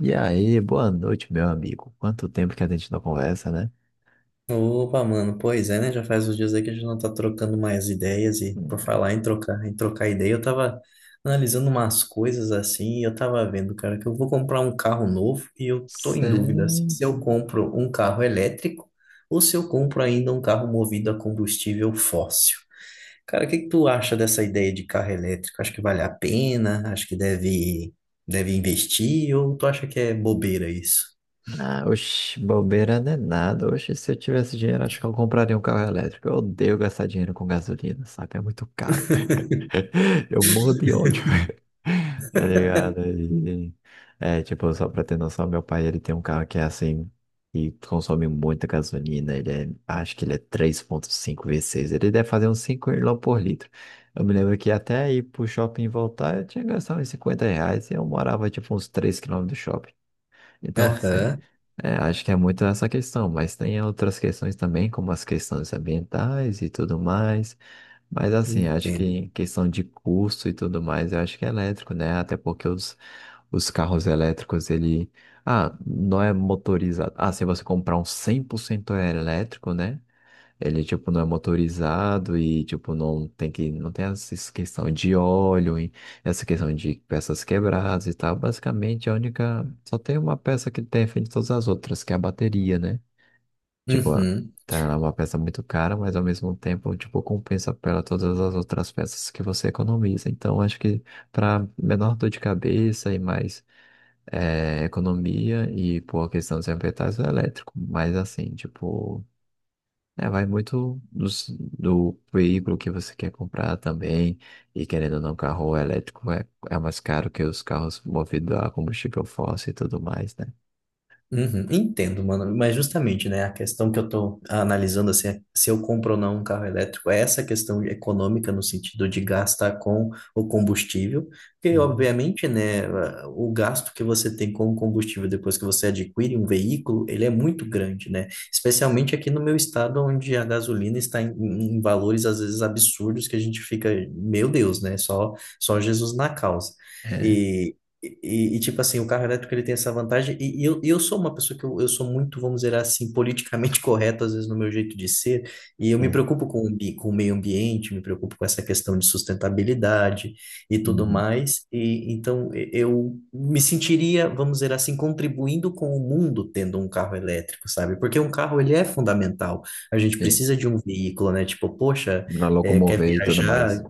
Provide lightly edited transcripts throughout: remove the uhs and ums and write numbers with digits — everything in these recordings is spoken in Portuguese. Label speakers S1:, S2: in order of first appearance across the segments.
S1: E aí, boa noite, meu amigo. Quanto tempo que a gente não conversa, né?
S2: Opa, mano, pois é, né? Já faz uns dias aí que a gente não tá trocando mais ideias e por
S1: Hum.
S2: falar em trocar ideia, eu tava analisando umas coisas assim e eu tava vendo, cara, que eu vou comprar um carro novo e eu tô em
S1: Cê...
S2: dúvida assim, se eu compro um carro elétrico ou se eu compro ainda um carro movido a combustível fóssil. Cara, o que que tu acha dessa ideia de carro elétrico? Acho que vale a pena? Acho que deve investir ou tu acha que é bobeira isso?
S1: Ah, oxe, bobeira não é nada. Oxe, se eu tivesse dinheiro, acho que eu compraria um carro elétrico. Eu odeio gastar dinheiro com gasolina, saca? É muito caro. Eu morro de ódio, tá ligado? E, tipo, só pra ter noção, meu pai, ele tem um carro que é assim, e consome muita gasolina, acho que ele é 3.5 V6. Ele deve fazer uns 5 quilômetros por litro. Eu me lembro que até ir pro shopping e voltar, eu tinha que gastar uns R$ 50, e eu morava, tipo, uns 3 quilômetros do shopping. Então, assim,
S2: Aham,
S1: acho que é muito essa questão, mas tem outras questões também, como as questões ambientais e tudo mais. Mas, assim, acho que
S2: entendo.
S1: em questão de custo e tudo mais, eu acho que é elétrico, né? Até porque os carros elétricos, ele. Ah, não é motorizado. Ah, se você comprar um 100% elétrico, né? Ele, tipo, não é motorizado e, tipo, não tem essa questão de óleo, e essa questão de peças quebradas e tal. Basicamente, a única, só tem uma peça que defende todas as outras, que é a bateria, né? Tipo,
S2: Uhum.
S1: tá, ela é uma peça muito cara, mas ao mesmo tempo, tipo, compensa pela todas as outras peças que você economiza. Então, acho que para menor dor de cabeça e mais economia e por questão dos ambientais, é elétrico. Mas, assim, tipo... É, vai muito do, do veículo que você quer comprar também. E querendo ou não, carro elétrico é mais caro que os carros movidos a combustível fóssil e tudo mais, né?
S2: Uhum, entendo, mano. Mas justamente, né, a questão que eu tô analisando, assim, é se eu compro ou não um carro elétrico, é essa questão econômica no sentido de gastar com o combustível, porque
S1: Uhum.
S2: obviamente, né, o gasto que você tem com o combustível depois que você adquire um veículo, ele é muito grande, né? Especialmente aqui no meu estado, onde a gasolina está em valores às vezes absurdos que a gente fica, meu Deus, né, só Jesus na causa.
S1: É.
S2: E, tipo assim, o carro elétrico ele tem essa vantagem, e eu sou uma pessoa que eu sou muito, vamos dizer assim, politicamente correto, às vezes, no meu jeito de ser, e eu me
S1: Hum.
S2: preocupo com o meio ambiente, me preocupo com essa questão de sustentabilidade e tudo
S1: Uhum.
S2: mais, e então eu me sentiria, vamos dizer assim, contribuindo com o mundo tendo um carro elétrico, sabe? Porque um carro, ele é fundamental, a gente
S1: Sim.
S2: precisa de um veículo, né? Tipo, poxa,
S1: Pra
S2: quer
S1: locomover e tudo mais.
S2: viajar...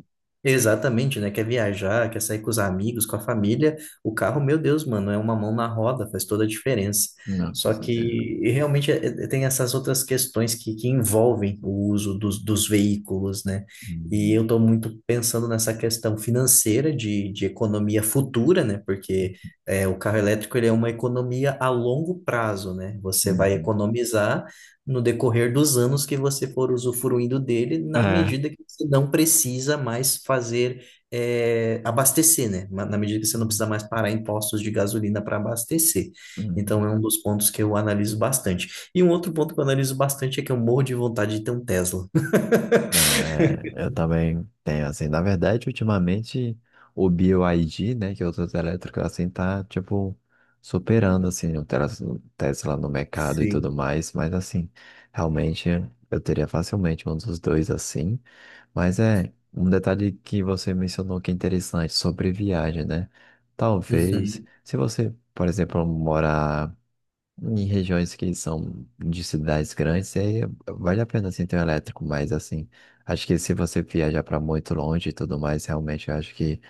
S2: Exatamente, né? Quer viajar, quer sair com os amigos, com a família, o carro, meu Deus, mano, é uma mão na roda, faz toda a diferença.
S1: Não, com
S2: Só que
S1: certeza.
S2: e realmente tem essas outras questões que envolvem o uso dos veículos, né? E
S1: Uhum.
S2: eu estou muito pensando nessa questão financeira de economia futura, né? Porque o carro elétrico ele é uma economia a longo prazo, né? Você vai
S1: Uhum.
S2: economizar no decorrer dos anos que você for usufruindo dele, na
S1: É.
S2: medida que você não precisa mais fazer abastecer, né? Na medida que você não precisa mais parar em postos de gasolina para abastecer.
S1: Uhum.
S2: Então, é um dos pontos que eu analiso bastante. E um outro ponto que eu analiso bastante é que eu morro de vontade de ter um Tesla.
S1: Não, é, eu também tenho, assim, na verdade, ultimamente, o BioID, né, que é outro elétrico, assim, tá, tipo, superando, assim, o o Tesla no mercado e tudo
S2: Sim.
S1: mais, mas, assim, realmente, eu teria facilmente um dos dois, assim, mas é um detalhe que você mencionou que é interessante, sobre viagem, né, talvez,
S2: Uhum,
S1: se você, por exemplo, morar em regiões que são de cidades grandes, aí vale a pena assim, ter um elétrico, mas assim, acho que se você viajar para muito longe e tudo mais, realmente eu acho que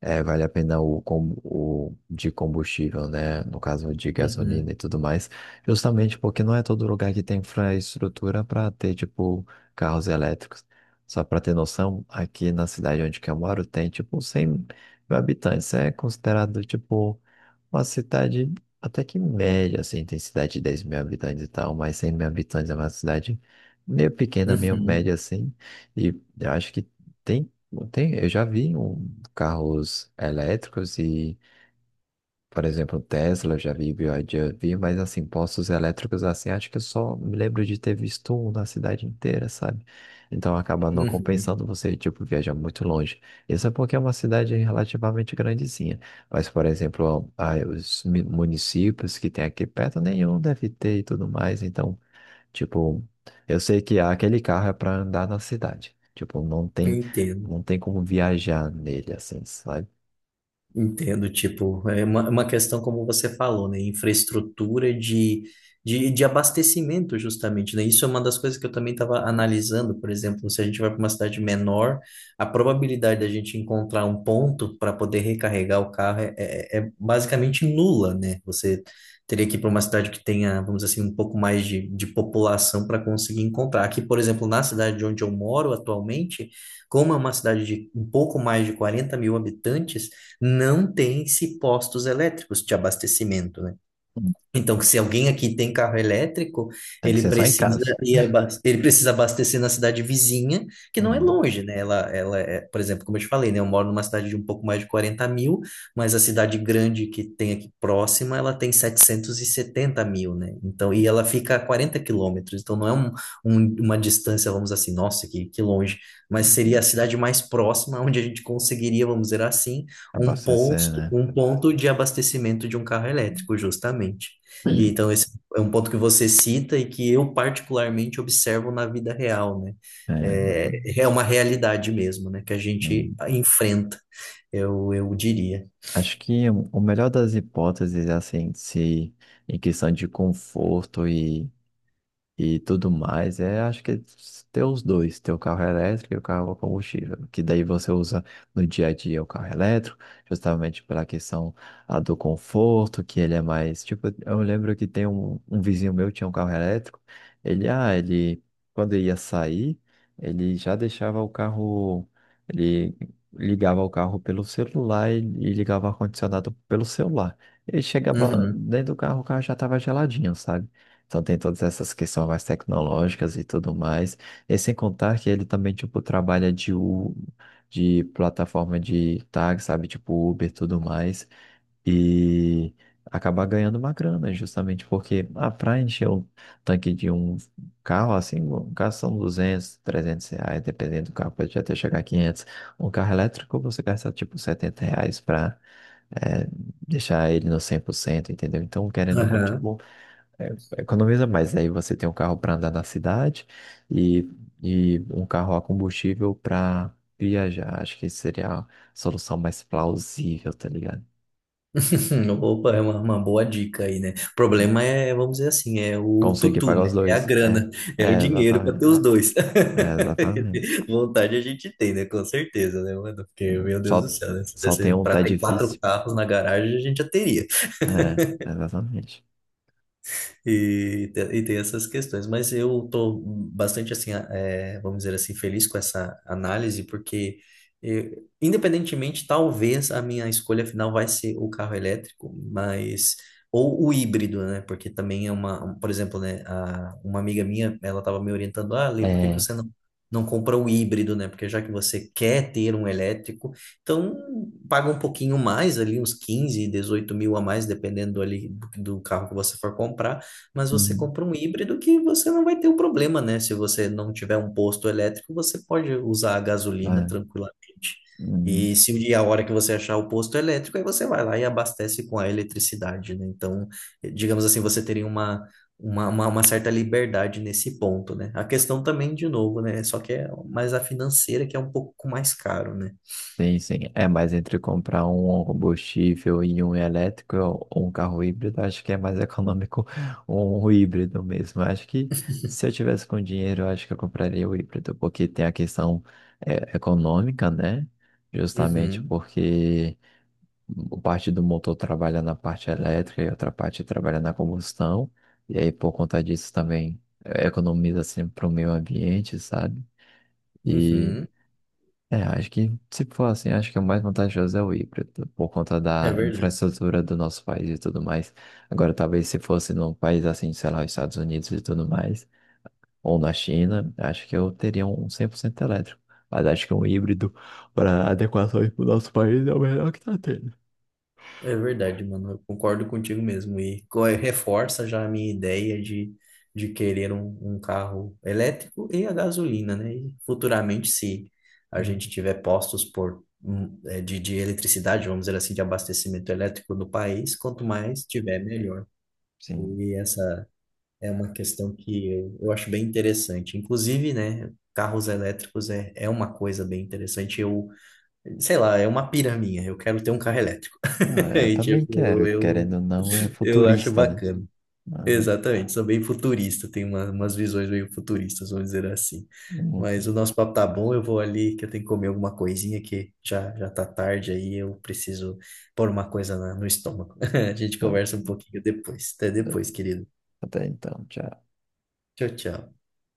S1: é, vale a pena o de combustível, né? No caso de
S2: uhum,
S1: gasolina e tudo mais, justamente porque não é todo lugar que tem infraestrutura para ter, tipo, carros elétricos. Só para ter noção, aqui na cidade onde que eu moro tem, tipo, 100 mil habitantes. É considerado, tipo, uma cidade até que média, assim, tem cidade de 10 mil habitantes e tal, mas 100 mil habitantes é uma cidade meio pequena, meio
S2: uhum,
S1: média, assim, e eu acho que tem. Tem, eu já vi um carros elétricos e, por exemplo, Tesla, eu já vi, BYD, eu vi, mas assim, postos elétricos assim, acho que eu só me lembro de ter visto um na cidade inteira, sabe? Então acaba não
S2: uhum.
S1: compensando você, tipo, viajar muito longe. Isso é porque é uma cidade relativamente grandezinha. Mas, por exemplo, ah, os municípios que tem aqui perto, nenhum deve ter e tudo mais. Então, tipo, eu sei que aquele carro é para andar na cidade. Tipo,
S2: Entendo.
S1: não tem como viajar nele, assim, sabe?
S2: Entendo, tipo, é uma questão como você falou, né? Infraestrutura de abastecimento, justamente, né? Isso é uma das coisas que eu também estava analisando, por exemplo, se a gente vai para uma cidade menor, a probabilidade da gente encontrar um ponto para poder recarregar o carro é basicamente nula, né? Você teria que ir para uma cidade que tenha, vamos dizer assim, um pouco mais de população para conseguir encontrar. Aqui, por exemplo, na cidade de onde eu moro atualmente, como é uma cidade de um pouco mais de 40 mil habitantes, não tem-se postos elétricos de abastecimento, né? Então, que se alguém aqui tem carro elétrico,
S1: Tem que ser só em casa.
S2: ele precisa abastecer na cidade vizinha, que não é
S1: Uhum.
S2: longe, né? Ela é, por exemplo, como eu te falei, né? Eu moro numa cidade de um pouco mais de 40 mil, mas a cidade grande que tem aqui próxima, ela tem 770 mil, né? Então, e ela fica a 40 quilômetros, então não é um, uma distância, vamos dizer assim, nossa, que longe, mas seria a cidade mais próxima onde a gente conseguiria, vamos dizer assim, um
S1: Abastecer,
S2: posto,
S1: né?
S2: um ponto de abastecimento de um carro elétrico, justamente. E então, esse é um ponto que você cita e que eu particularmente observo na vida real, né?
S1: É,
S2: É,
S1: exatamente.
S2: é uma realidade mesmo, né? Que a gente
S1: Hum.
S2: enfrenta, eu diria.
S1: Acho que o melhor das hipóteses é assim, se em questão de conforto e tudo mais, é acho que é ter os dois, ter o carro elétrico e o carro a combustível, que daí você usa no dia a dia o carro elétrico, justamente pela questão a do conforto, que ele é mais, tipo, eu lembro que tem um vizinho meu que tinha um carro elétrico, ele, quando ia sair, ele já deixava o carro, ele ligava o carro pelo celular e ligava o ar-condicionado pelo celular. Ele chegava
S2: Uhum.
S1: dentro do carro, o carro já estava geladinho, sabe? Então tem todas essas questões mais tecnológicas e tudo mais. E sem contar que ele também, tipo, trabalha de plataforma de tag, sabe? Tipo Uber e tudo mais. E acabar ganhando uma grana, justamente porque, ah, pra encher o tanque de um carro, assim, um carro são 200, 300 reais, dependendo do carro, pode até chegar a 500. Um carro elétrico você gasta, tipo, R$ 70 pra é, deixar ele no 100%, entendeu? Então, querendo ou não,
S2: Aham.
S1: tipo economiza mais, aí você tem um carro para andar na cidade e, e um carro a combustível para viajar. Acho que seria a solução mais plausível, tá ligado?
S2: Opa, é uma boa dica aí, né? O problema é, vamos dizer assim, é o
S1: Conseguir
S2: tutu,
S1: pagar
S2: né?
S1: os
S2: É a
S1: dois.
S2: grana, é o
S1: É,
S2: dinheiro para
S1: exatamente.
S2: ter os dois.
S1: É, exatamente.
S2: Vontade a gente tem, né? Com certeza, né, mano? Porque, meu Deus do
S1: Só,
S2: céu, né? Se
S1: só tem
S2: desse
S1: um,
S2: para
S1: tá
S2: ter quatro
S1: difícil.
S2: carros na garagem, a gente já teria.
S1: É, exatamente.
S2: E tem essas questões, mas eu tô bastante assim, vamos dizer assim, feliz com essa análise, porque eh, independentemente, talvez a minha escolha final vai ser o carro elétrico, mas ou o híbrido, né? Porque também é uma, por exemplo, né, uma amiga minha, ela estava me orientando, ah, Lê, por que que
S1: É.
S2: você não compra o híbrido, né? Porque já que você quer ter um elétrico, então paga um pouquinho mais ali, uns 15 18 mil a mais, dependendo ali do carro que você for comprar, mas você
S1: Hum,
S2: compra um híbrido que você não vai ter o problema, né? Se você não tiver um posto elétrico, você pode usar a gasolina
S1: é.
S2: tranquilamente.
S1: Hum.
S2: E se o dia a hora que você achar o posto elétrico, aí você vai lá e abastece com a eletricidade, né? Então, digamos assim, você teria uma certa liberdade nesse ponto, né? A questão também, de novo, né? Só que é mais a financeira que é um pouco mais caro, né?
S1: Sim, sim. É, mas entre comprar um combustível e um elétrico ou um carro híbrido, acho que é mais econômico um híbrido mesmo. Acho que se eu tivesse com dinheiro, eu acho que eu compraria o híbrido, porque tem a questão econômica, né? Justamente
S2: Uhum,
S1: porque o parte do motor trabalha na parte elétrica e outra parte trabalha na combustão. E aí, por conta disso, também economiza assim, para o meio ambiente, sabe? E
S2: uhum,
S1: acho que, se for assim, acho que o mais vantajoso é o híbrido, por conta
S2: é
S1: da
S2: verdade.
S1: infraestrutura do nosso país e tudo mais. Agora, talvez se fosse num país assim, sei lá, os Estados Unidos e tudo mais, ou na China, acho que eu teria um 100% elétrico. Mas acho que um híbrido para adequações para o nosso país é o melhor que está tendo.
S2: É verdade, mano. Eu concordo contigo mesmo. Reforça já a minha ideia de querer um carro elétrico e a gasolina, né? E futuramente, se a gente
S1: Hum,
S2: tiver postos de eletricidade, vamos dizer assim, de abastecimento elétrico no país, quanto mais tiver, melhor.
S1: Sim.
S2: E essa é uma questão que eu acho bem interessante. Inclusive, né? Carros elétricos é uma coisa bem interessante. Eu, sei lá, é uma pira minha. Eu quero ter um carro elétrico.
S1: Não, é, eu
S2: E,
S1: também
S2: tipo,
S1: quero, querendo
S2: eu,
S1: ou não, é
S2: eu acho
S1: futurista, né?
S2: bacana.
S1: Aham.
S2: Exatamente, sou bem futurista, tenho umas visões meio futuristas, vamos dizer assim. Mas
S1: Uhum.
S2: o nosso papo tá bom, eu vou ali que eu tenho que comer alguma coisinha que já, já tá tarde aí, eu preciso pôr uma coisa no estômago. A gente
S1: Tá.
S2: conversa um pouquinho depois. Até depois, querido.
S1: Até então, tchau.
S2: Tchau, tchau.